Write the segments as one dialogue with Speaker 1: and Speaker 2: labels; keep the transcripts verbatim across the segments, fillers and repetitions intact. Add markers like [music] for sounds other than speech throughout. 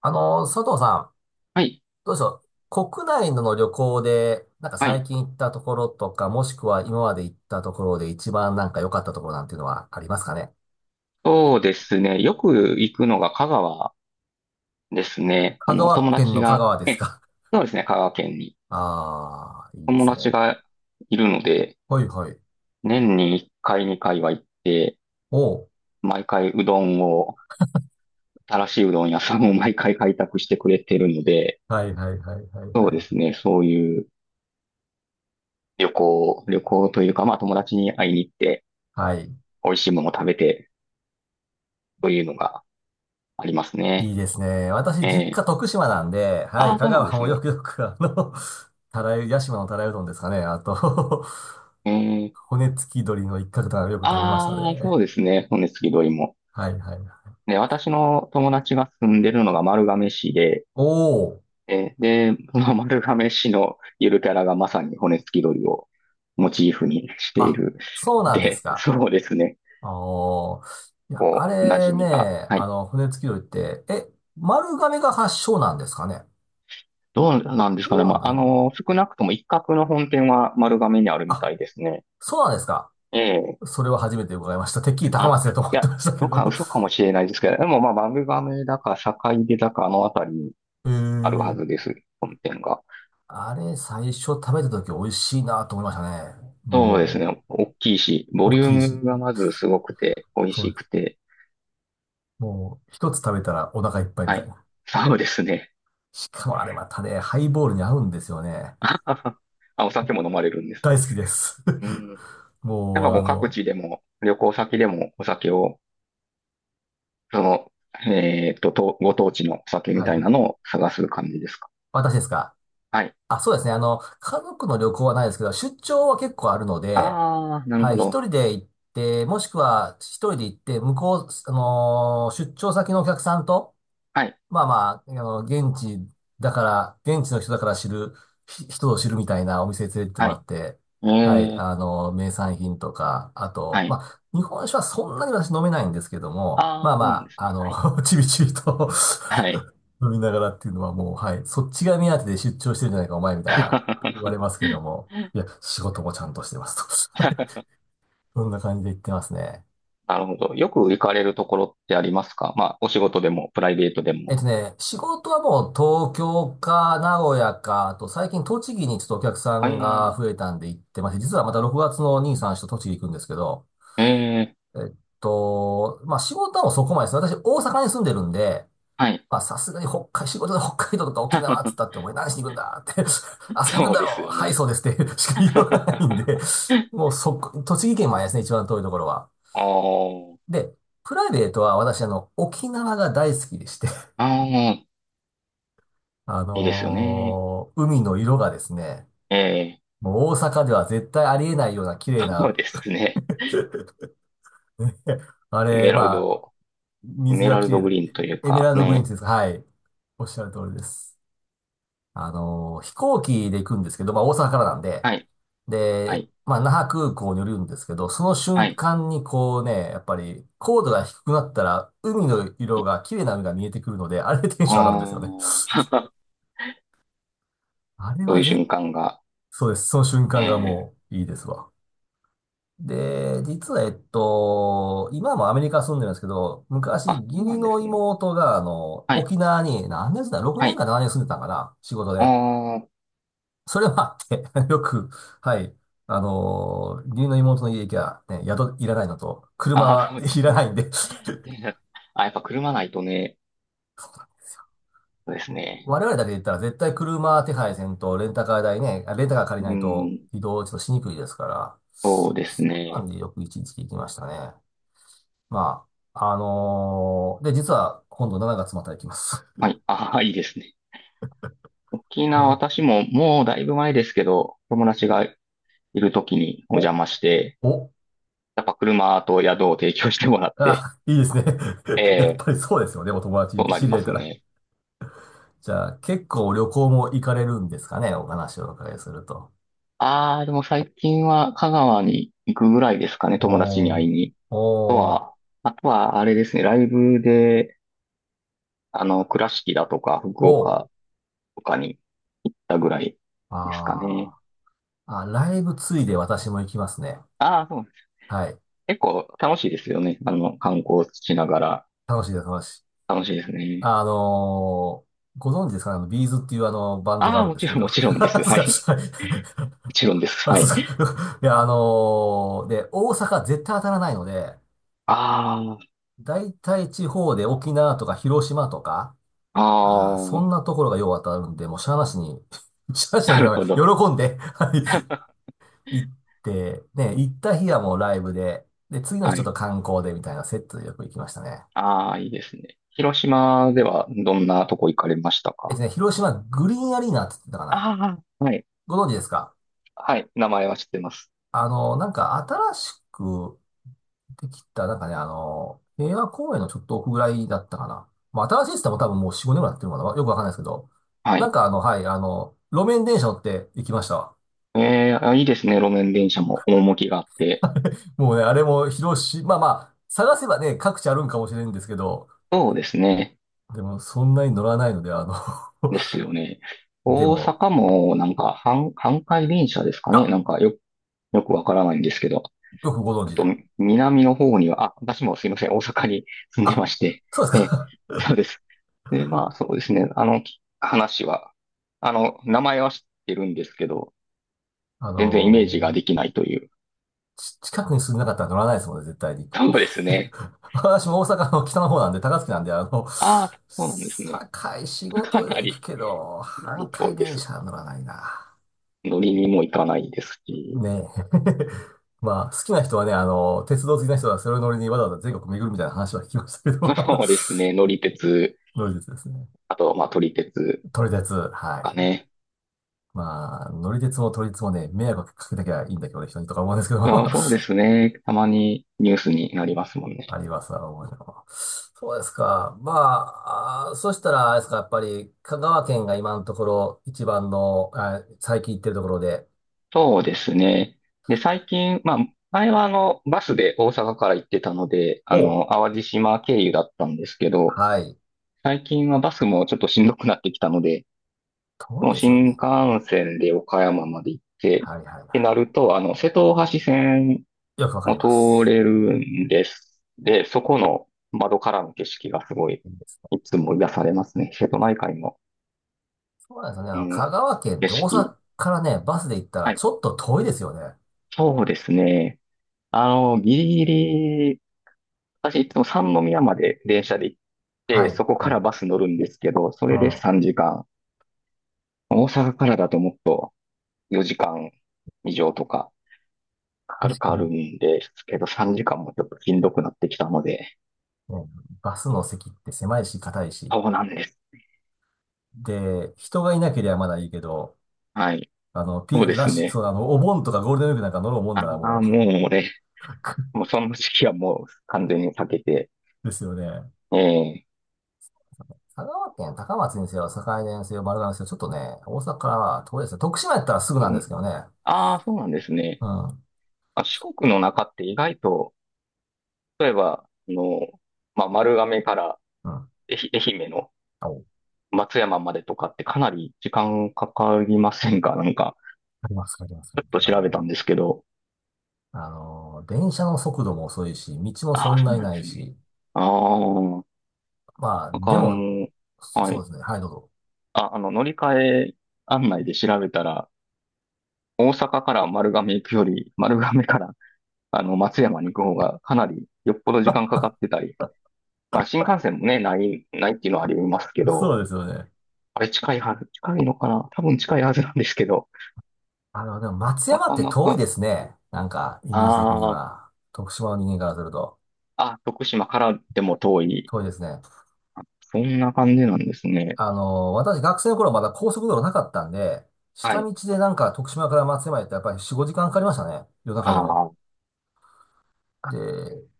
Speaker 1: あの、佐藤さん、
Speaker 2: はい。
Speaker 1: どうでしょう。国内の旅行で、なんか
Speaker 2: は
Speaker 1: 最
Speaker 2: い。
Speaker 1: 近行ったところとか、もしくは今まで行ったところで一番なんか良かったところなんていうのはありますかね。
Speaker 2: そうですね。よく行くのが香川ですね。あ
Speaker 1: 香
Speaker 2: の、友
Speaker 1: 川県
Speaker 2: 達
Speaker 1: の香
Speaker 2: が、
Speaker 1: 川です
Speaker 2: え、
Speaker 1: か。
Speaker 2: そうですね。香川県に。
Speaker 1: [laughs] ああ、いいで
Speaker 2: 友
Speaker 1: す
Speaker 2: 達
Speaker 1: ね。
Speaker 2: がいるので、
Speaker 1: はいはい。
Speaker 2: 年にいっかい、にかいは行って、
Speaker 1: おう。
Speaker 2: 毎回うどんを、新しいうどん屋さんを [laughs] 毎回開拓してくれてるので、
Speaker 1: はいはいはいはい
Speaker 2: そう
Speaker 1: は
Speaker 2: です
Speaker 1: い。
Speaker 2: ね。そういう旅行、旅行というか、まあ友達に会いに行って、
Speaker 1: はい。
Speaker 2: 美味しいものを食べて、というのがあります
Speaker 1: い
Speaker 2: ね。
Speaker 1: いですね。私、
Speaker 2: え
Speaker 1: 実家
Speaker 2: え、
Speaker 1: 徳島なんで、は
Speaker 2: あ
Speaker 1: い、
Speaker 2: あ、
Speaker 1: 香
Speaker 2: そうなん
Speaker 1: 川
Speaker 2: です
Speaker 1: もよ
Speaker 2: ね。
Speaker 1: くよく、あの、[laughs] たらゆ、屋島のたらいうどんですかね。あと [laughs]
Speaker 2: ええ、
Speaker 1: 骨付き鶏の一角とかよく食べました
Speaker 2: ああ、
Speaker 1: ね。
Speaker 2: そうですね。骨付き鳥も。
Speaker 1: はいはい。
Speaker 2: で、私の友達が住んでるのが丸亀市で、
Speaker 1: おお。
Speaker 2: え、で、その [laughs] 丸亀市のゆるキャラがまさに骨付き鳥をモチーフにしてい
Speaker 1: あ、
Speaker 2: る。
Speaker 1: そうなんです
Speaker 2: で、[laughs]
Speaker 1: か。
Speaker 2: そうですね。
Speaker 1: おー。いや、あ
Speaker 2: こう、馴
Speaker 1: れ
Speaker 2: 染みが。
Speaker 1: ね、
Speaker 2: は
Speaker 1: あ
Speaker 2: い。
Speaker 1: の、骨付き鳥って、え、丸亀が発祥なんですかね。
Speaker 2: どうなんです
Speaker 1: で
Speaker 2: かね。
Speaker 1: は
Speaker 2: まあ、
Speaker 1: な
Speaker 2: あ
Speaker 1: いな。
Speaker 2: の、少なくとも一角の本店は丸亀にあるみた
Speaker 1: あ、
Speaker 2: いですね。
Speaker 1: そうなんですか。
Speaker 2: ええ。
Speaker 1: それは初めて伺いました。てっきり高
Speaker 2: あ、
Speaker 1: 松だと
Speaker 2: い
Speaker 1: 思って
Speaker 2: や、
Speaker 1: ましたけ
Speaker 2: どっか
Speaker 1: ど。
Speaker 2: 嘘かもしれないですけど、でもまあ、丸亀だか、坂出だか、あのあたりに
Speaker 1: [laughs] へー。
Speaker 2: あるはずです。本店が。
Speaker 1: あれ、最初食べた時美味しいなと思いましたね。
Speaker 2: そうです
Speaker 1: も
Speaker 2: ね。大きいし、
Speaker 1: う、
Speaker 2: ボリ
Speaker 1: 大
Speaker 2: ュー
Speaker 1: きいし。
Speaker 2: ムがまずすごくて、美味
Speaker 1: そう
Speaker 2: し
Speaker 1: で
Speaker 2: く
Speaker 1: す。
Speaker 2: て。
Speaker 1: もう、一つ食べたらお腹いっぱいみ
Speaker 2: は
Speaker 1: たい
Speaker 2: い。
Speaker 1: な。
Speaker 2: そうですね。
Speaker 1: しかもあれまたね、ハイボールに合うんですよね。
Speaker 2: [laughs] あはは、あ、お酒も飲まれるんです。
Speaker 1: 大好きです。
Speaker 2: うん。
Speaker 1: [laughs]
Speaker 2: なん
Speaker 1: もう、
Speaker 2: かこ
Speaker 1: あ
Speaker 2: う各
Speaker 1: の、
Speaker 2: 地でも、旅行先でもお酒を、その、えっと、とご当地のお酒み
Speaker 1: は
Speaker 2: たいな
Speaker 1: い。
Speaker 2: のを探す感じですか。
Speaker 1: 私ですか。
Speaker 2: はい。
Speaker 1: あ、そうですね。あの、家族の旅行はないですけど、出張は結構あるので、
Speaker 2: ああ、なる
Speaker 1: はい、
Speaker 2: ほど。
Speaker 1: 一人で行って、もしくは一人で行って、向こう、あのー出張先のお客さんと、
Speaker 2: はい。
Speaker 1: まあまあ、あの、現地だから、現地の人だから知る、ひ人を知るみたいなお店に連れてっても
Speaker 2: は
Speaker 1: ら
Speaker 2: い。
Speaker 1: って、
Speaker 2: え
Speaker 1: はい、
Speaker 2: ー、
Speaker 1: あの、名産品とか、あ
Speaker 2: は
Speaker 1: と、ま
Speaker 2: い。
Speaker 1: あ、日本酒はそんなに私飲めないんですけども、ま
Speaker 2: あ
Speaker 1: あ
Speaker 2: あ、そうなんで
Speaker 1: ま
Speaker 2: す
Speaker 1: あ、あ
Speaker 2: ね。はい。
Speaker 1: の、[laughs] ちびちびと
Speaker 2: はい。
Speaker 1: [laughs] 飲みながらっていうのはもう、はい、そっちが目当てで出張してるんじゃないか、お前みたいな、言われますけど
Speaker 2: [laughs]
Speaker 1: も、いや、仕事もちゃんとしてますと。[laughs] そんな感じで言ってますね。
Speaker 2: なるほど。よく行かれるところってありますか、まあ、お仕事でもプライベートで
Speaker 1: えっ
Speaker 2: も。
Speaker 1: とね、仕事はもう東京か名古屋か、あと最近栃木にちょっとお客さんが
Speaker 2: え
Speaker 1: 増
Speaker 2: え、
Speaker 1: えたんで行ってまして、実はまたろくがつのにさんさんと栃木行くんですけど、
Speaker 2: ええ、
Speaker 1: えっと、まあ仕事はもうそこまでです。私大阪に住んでるんで、
Speaker 2: はい。
Speaker 1: まあさすがに北海、仕事で北海道とか沖縄って言ったって
Speaker 2: [laughs]
Speaker 1: お前何しに行くんだって、[laughs] 遊びに行くん
Speaker 2: そう
Speaker 1: だ
Speaker 2: です
Speaker 1: ろう、
Speaker 2: よ
Speaker 1: はい
Speaker 2: ね。
Speaker 1: そうですって [laughs] しか言わないんで、
Speaker 2: [laughs]
Speaker 1: もうそこ、栃木県までですね、一番遠いところは。
Speaker 2: あ
Speaker 1: で、プライベートは私あの沖縄が大好きでして、
Speaker 2: あ、ああ、
Speaker 1: あ
Speaker 2: いいですよね。
Speaker 1: のー海の色がですね、
Speaker 2: ええ、
Speaker 1: もう大阪では絶対ありえないような綺麗
Speaker 2: そう
Speaker 1: な、
Speaker 2: ですね。
Speaker 1: [laughs] あ
Speaker 2: エメ
Speaker 1: れ、
Speaker 2: ラル
Speaker 1: まあ、
Speaker 2: ド、エ
Speaker 1: 水
Speaker 2: メ
Speaker 1: が
Speaker 2: ラル
Speaker 1: 綺
Speaker 2: ド
Speaker 1: 麗だ。
Speaker 2: グリーンという
Speaker 1: エメラ
Speaker 2: か
Speaker 1: ルドグリー
Speaker 2: ね。
Speaker 1: ンです。はい。おっしゃる通りです。あのー飛行機で行くんですけど、まあ大阪からなんで、
Speaker 2: はい、は
Speaker 1: で、
Speaker 2: い、
Speaker 1: まあ那覇空港に降りるんですけど、その
Speaker 2: は
Speaker 1: 瞬
Speaker 2: い、
Speaker 1: 間にこうね、やっぱり高度が低くなったら、海の
Speaker 2: は
Speaker 1: 色
Speaker 2: い。
Speaker 1: が、綺麗な海が見えてくるので、あれでテンション上がるんですよね。
Speaker 2: ああ、
Speaker 1: あれ
Speaker 2: [laughs] そうい
Speaker 1: は
Speaker 2: う瞬
Speaker 1: ぜ、
Speaker 2: 間が。
Speaker 1: そうです。その瞬間が
Speaker 2: ええ、
Speaker 1: もういいですわ。で、実は、えっと、今もアメリカ住んでるんですけど、昔、
Speaker 2: あ、そ
Speaker 1: 義
Speaker 2: うな
Speaker 1: 理
Speaker 2: んで
Speaker 1: の
Speaker 2: すね。
Speaker 1: 妹が、あの、
Speaker 2: はい、
Speaker 1: 沖縄に、何年住んだ？ ろく
Speaker 2: は
Speaker 1: 年
Speaker 2: い。
Speaker 1: かななねん住んでたんかな仕事
Speaker 2: あ
Speaker 1: で。
Speaker 2: ー、
Speaker 1: それもあって [laughs] よく、はい、あの、義理の妹の家行きゃ、ね、宿いらないのと、車
Speaker 2: あー、
Speaker 1: は
Speaker 2: そうで
Speaker 1: い
Speaker 2: す
Speaker 1: らな
Speaker 2: ね。
Speaker 1: いんで [laughs]
Speaker 2: [laughs] あ、やっぱ車ないとね、そうですね。
Speaker 1: 我々だけで言ったら絶対車手配せんと、レンタカー代ね、あレンタカー借りな
Speaker 2: う
Speaker 1: いと
Speaker 2: ん、
Speaker 1: 移動ちょっとしにくいですから、
Speaker 2: そうです
Speaker 1: そんなん
Speaker 2: ね。
Speaker 1: でよく一日行きましたね。まあ、あのーで、実は今度しちがつまた行きます。
Speaker 2: はい。ああ、いいですね。沖
Speaker 1: [laughs] う
Speaker 2: 縄、
Speaker 1: ん。
Speaker 2: 私ももうだいぶ前ですけど、友達がいる時にお邪
Speaker 1: お、
Speaker 2: 魔して、
Speaker 1: お、
Speaker 2: やっぱ車と宿を提供してもらって、
Speaker 1: あ、いいですね。[laughs] やっ
Speaker 2: ええ、
Speaker 1: ぱりそうですよね、お友達、
Speaker 2: そうな
Speaker 1: 知
Speaker 2: り
Speaker 1: り
Speaker 2: ま
Speaker 1: 合え
Speaker 2: す
Speaker 1: たら。
Speaker 2: ね。
Speaker 1: じゃあ、結構旅行も行かれるんですかね、お話をお伺いすると。
Speaker 2: ああ、でも最近は香川に行くぐらいですかね、友達に
Speaker 1: お
Speaker 2: 会
Speaker 1: ー、
Speaker 2: いに。あと
Speaker 1: おー、
Speaker 2: は、あとはあれですね、ライブで、あの、倉敷だとか福
Speaker 1: おー、
Speaker 2: 岡とかに行ったぐらいですかね。
Speaker 1: あー、あ、ライブついで私も行きますね。
Speaker 2: ああ、そうです。
Speaker 1: はい。
Speaker 2: 結構楽しいですよね。あの、観光しながら
Speaker 1: 楽しいです、楽しい。
Speaker 2: 楽しいですね。
Speaker 1: あのーご存知ですかね、あの、ビーズっていうあの、バンドがあ
Speaker 2: ああ、
Speaker 1: るん
Speaker 2: も
Speaker 1: で
Speaker 2: ち
Speaker 1: すけ
Speaker 2: ろん、
Speaker 1: ど。
Speaker 2: もちろんで
Speaker 1: [laughs]
Speaker 2: す。
Speaker 1: そう
Speaker 2: は
Speaker 1: です
Speaker 2: い。
Speaker 1: か。はい。
Speaker 2: もちろんです。
Speaker 1: [laughs] あ、
Speaker 2: は
Speaker 1: そう
Speaker 2: い。
Speaker 1: か。[laughs] いや、あのーで、大阪絶対当たらないので、
Speaker 2: あ
Speaker 1: 大体地方で沖縄とか広島とか、
Speaker 2: あ、
Speaker 1: ああ、
Speaker 2: あ
Speaker 1: そん
Speaker 2: あ、
Speaker 1: なところがよう当たるんで、もうしゃあなしに、[laughs] しゃあなしに、
Speaker 2: なるほど。
Speaker 1: 喜んで、はい、行って、ね、行った日はもうライブで、で、次の日
Speaker 2: は
Speaker 1: ちょっと
Speaker 2: い。
Speaker 1: 観光でみたいなセットでよく行きましたね。
Speaker 2: ああ、いいですね。広島ではどんなとこ行かれました
Speaker 1: えっ
Speaker 2: か？
Speaker 1: とね、広島グリーンアリーナって言ってたかな。
Speaker 2: ああ、はい。
Speaker 1: ご存知ですか？
Speaker 2: はい。名前は知ってます。
Speaker 1: あのーなんか新しく、ってきた、なんかね、あの、平和公園のちょっと奥ぐらいだったかな。まあ、新しいっつっても多分もうよん、ごねんぐらいやってるのかな。よくわかんないですけど。
Speaker 2: は
Speaker 1: なん
Speaker 2: い。
Speaker 1: かあの、はい、あの、路面電車乗って行きましたわ。
Speaker 2: えー、あ、いいですね。路面電車も趣があって。
Speaker 1: もうね、あれも広し、まあまあ、探せばね、各地あるんかもしれんですけど、
Speaker 2: そうですね。
Speaker 1: でもそんなに乗らないので、あの
Speaker 2: ですよね。
Speaker 1: [laughs] で
Speaker 2: 大
Speaker 1: も、
Speaker 2: 阪もなんか、阪、阪堺電車ですか
Speaker 1: あ、
Speaker 2: ね。なんかよ、よくわからないんですけど。
Speaker 1: よくご存
Speaker 2: っ
Speaker 1: 知
Speaker 2: と、
Speaker 1: で。
Speaker 2: 南の方には、あ、私もすいません、大阪に [laughs] 住んでま
Speaker 1: あ、
Speaker 2: して、
Speaker 1: そうです
Speaker 2: ええ、
Speaker 1: か。
Speaker 2: そうです。で、まあ、そうですね、あの、き話は、あの、名前は知ってるんですけど、
Speaker 1: [laughs] あ
Speaker 2: 全然イメージ
Speaker 1: の
Speaker 2: が
Speaker 1: ー
Speaker 2: できないという。
Speaker 1: ち近くに住んでなかったら乗らないですもんね、絶対に。
Speaker 2: そうですね。
Speaker 1: 私も大阪の北の方なんで、高槻なんで、あの、
Speaker 2: ああ、そうなんですね。
Speaker 1: 堺仕
Speaker 2: [laughs] か
Speaker 1: 事では
Speaker 2: な
Speaker 1: 行く
Speaker 2: り、
Speaker 1: けど、
Speaker 2: かな
Speaker 1: 阪
Speaker 2: り遠
Speaker 1: 堺
Speaker 2: いで
Speaker 1: 電
Speaker 2: す。
Speaker 1: 車は乗らないな。
Speaker 2: 乗りにも行かないですし、
Speaker 1: ねえ。[laughs] まあ、好きな人はね、あの、鉄道好きな人はそれを乗りにわざわざ全国巡るみたいな話は聞きましたけど、[laughs]
Speaker 2: [laughs]
Speaker 1: あの
Speaker 2: そうですね、乗り鉄、
Speaker 1: 乗り鉄ですね。
Speaker 2: あと、まあ、撮り鉄
Speaker 1: 撮り鉄、は
Speaker 2: か
Speaker 1: い。
Speaker 2: ね。
Speaker 1: まあ、乗り鉄も撮り鉄もね、迷惑かけなきゃいいんだけどね、人にとか思うんですけど、
Speaker 2: あ、そう
Speaker 1: [laughs]
Speaker 2: ですね、たまにニュースになりますもんね。
Speaker 1: あります、なるほど。そうですか。まあ、あーそしたら、あれですか、やっぱり、香川県が今のところ、一番の、あ最近行ってるところで、
Speaker 2: そうですね。で、最近、まあ、前はあの、バスで大阪から行ってたので、あ
Speaker 1: ほう。
Speaker 2: の、淡路島経由だったんですけど、
Speaker 1: はい。
Speaker 2: 最近はバスもちょっとしんどくなってきたので、
Speaker 1: 遠い
Speaker 2: もう
Speaker 1: ですよ
Speaker 2: 新
Speaker 1: ね。
Speaker 2: 幹線で岡山まで行って、っ
Speaker 1: はいはい
Speaker 2: て
Speaker 1: は
Speaker 2: なると、あの、瀬戸大橋線
Speaker 1: い。よくわか
Speaker 2: も
Speaker 1: りま
Speaker 2: 通
Speaker 1: す。
Speaker 2: れるんです。で、そこの窓からの景色がすごい、
Speaker 1: いいですね。
Speaker 2: いつも癒されますね。瀬戸内海の、
Speaker 1: そうなんですよね。あの香
Speaker 2: も
Speaker 1: 川
Speaker 2: う、
Speaker 1: 県っ
Speaker 2: 景
Speaker 1: て大
Speaker 2: 色。
Speaker 1: 阪からね、バスで行ったら
Speaker 2: はい。
Speaker 1: ちょっと遠いですよね。
Speaker 2: そうですね。あの、ギリギリ私いつも三宮まで電車で行っ
Speaker 1: は
Speaker 2: て、
Speaker 1: い、
Speaker 2: そこか
Speaker 1: はい。
Speaker 2: ら
Speaker 1: う
Speaker 2: バス乗るんですけど、それで
Speaker 1: ん。
Speaker 2: さんじかん。大阪からだともっとよじかん以上とかかか
Speaker 1: 確
Speaker 2: るか
Speaker 1: か
Speaker 2: ある
Speaker 1: に。
Speaker 2: んですけど、さんじかんもちょっとしんどくなってきたので、
Speaker 1: ね、バスの席って狭いし、硬いし。
Speaker 2: そうなんです。
Speaker 1: で、人がいなければまだいいけど、
Speaker 2: はい。
Speaker 1: あの、ピ
Speaker 2: そう
Speaker 1: ン、
Speaker 2: で
Speaker 1: ラッ
Speaker 2: す
Speaker 1: シュ、そ
Speaker 2: ね。
Speaker 1: う、あの、お盆とかゴールデンウィークなんか乗ろうもん
Speaker 2: あ
Speaker 1: ならも
Speaker 2: あ、もう俺、もうその時期はもう完全に避けて、
Speaker 1: う [laughs] ですよね。
Speaker 2: ええ、
Speaker 1: 香川県高松にせよ、堺田にせよ、丸亀にせよ、ちょっとね、大阪からは遠いですね。徳島やったらすぐなん
Speaker 2: う
Speaker 1: で
Speaker 2: ん、
Speaker 1: すけどね。
Speaker 2: ああ、そうなんです
Speaker 1: う
Speaker 2: ね。
Speaker 1: ん。うん。
Speaker 2: あ、四国の中って意外と、例えば、あの、まあ、丸亀から愛媛愛媛の
Speaker 1: あ、おあ
Speaker 2: 松山までとかってかなり時間かかりませんか？ [laughs] なんか、
Speaker 1: ります、わあります。あ
Speaker 2: ち
Speaker 1: り
Speaker 2: ょ
Speaker 1: ま
Speaker 2: っと
Speaker 1: すあ
Speaker 2: 調べ
Speaker 1: の、
Speaker 2: たんですけど。
Speaker 1: あの、電車の速度も遅いし、道も
Speaker 2: あ
Speaker 1: そ
Speaker 2: あ、
Speaker 1: ん
Speaker 2: そ
Speaker 1: な
Speaker 2: う
Speaker 1: に
Speaker 2: なんで
Speaker 1: ない
Speaker 2: すね。
Speaker 1: し、
Speaker 2: ああ、
Speaker 1: まあ、
Speaker 2: なんか
Speaker 1: で
Speaker 2: あ
Speaker 1: も、
Speaker 2: の、
Speaker 1: そ
Speaker 2: は
Speaker 1: そう
Speaker 2: い。
Speaker 1: ですね。はい、どうぞ。
Speaker 2: あ、あの、乗り換え案内で調べたら、大阪から丸亀行くより、丸亀からあの松山に行く方がかなりよっぽど時間かかってたり、まあ新幹線もね、ない、ないっていうのはありますけ
Speaker 1: [laughs]
Speaker 2: ど、
Speaker 1: そうですよね。
Speaker 2: あれ近いはず、近いのかな、多分近いはずなんですけど、
Speaker 1: あの、でも松
Speaker 2: な
Speaker 1: 山っ
Speaker 2: か
Speaker 1: て
Speaker 2: な
Speaker 1: 遠い
Speaker 2: か、
Speaker 1: ですね。なんか、イメージ的に
Speaker 2: ああ、
Speaker 1: は。徳島の人間からすると、
Speaker 2: あ、徳島からでも遠い
Speaker 1: 遠いですね。
Speaker 2: そんな感じなんですね。
Speaker 1: あの、私学生の頃まだ高速道路なかったんで、
Speaker 2: は
Speaker 1: 下
Speaker 2: い。
Speaker 1: 道でなんか徳島から松山へってやっぱりよん、ごじかんかかりましたね。夜中
Speaker 2: あ
Speaker 1: でも。
Speaker 2: あ、
Speaker 1: で、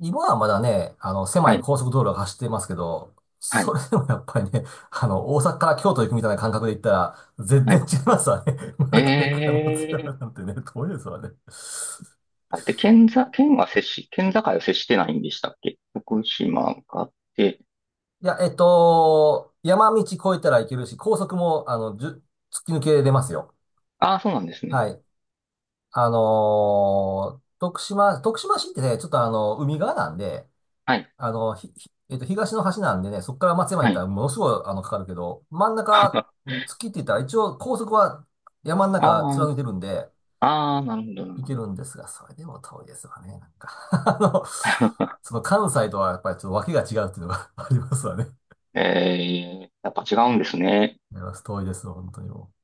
Speaker 1: 今はまだね、あの、狭
Speaker 2: は
Speaker 1: い
Speaker 2: い、
Speaker 1: 高速道路が走ってますけど、
Speaker 2: は
Speaker 1: そ
Speaker 2: い、
Speaker 1: れでもやっぱりね、あの、大阪から京都行くみたいな感覚で行ったら、全
Speaker 2: は
Speaker 1: 然
Speaker 2: い。
Speaker 1: 違いますわね。[laughs] 丸亀から
Speaker 2: え
Speaker 1: 松山な
Speaker 2: え、
Speaker 1: んてね、遠いですわね。
Speaker 2: あれって県ざ、県は接し、県境は接してないんでしたっけ、福島があって、
Speaker 1: いや、えっと、山道越えたらいけるし、高速も、あの、じゅ突き抜けれますよ。
Speaker 2: ああ、そうなんですね。
Speaker 1: はい。あのー徳島、徳島市ってね、ちょっとあの、海側なんで、
Speaker 2: はい、
Speaker 1: あの、ひ、ひえっと、東の端なんでね、そこから松山行
Speaker 2: は
Speaker 1: った
Speaker 2: い。
Speaker 1: らものすごい、あの、かかるけど、真ん中、
Speaker 2: [laughs] あ
Speaker 1: 月って言ったら一応高速は山の中
Speaker 2: あ、
Speaker 1: 貫いてるんで、
Speaker 2: ああ、なるほど、なる
Speaker 1: 行
Speaker 2: ほ
Speaker 1: け
Speaker 2: ど。
Speaker 1: るんですが、それでも遠いですわね、なんか [laughs] あの、
Speaker 2: [laughs]
Speaker 1: その関西とはやっぱりちょっと訳が違うっていうのが [laughs] ありますわね。
Speaker 2: ええ、やっぱ違うんですね。
Speaker 1: あります。遠いですわ、本当にもう。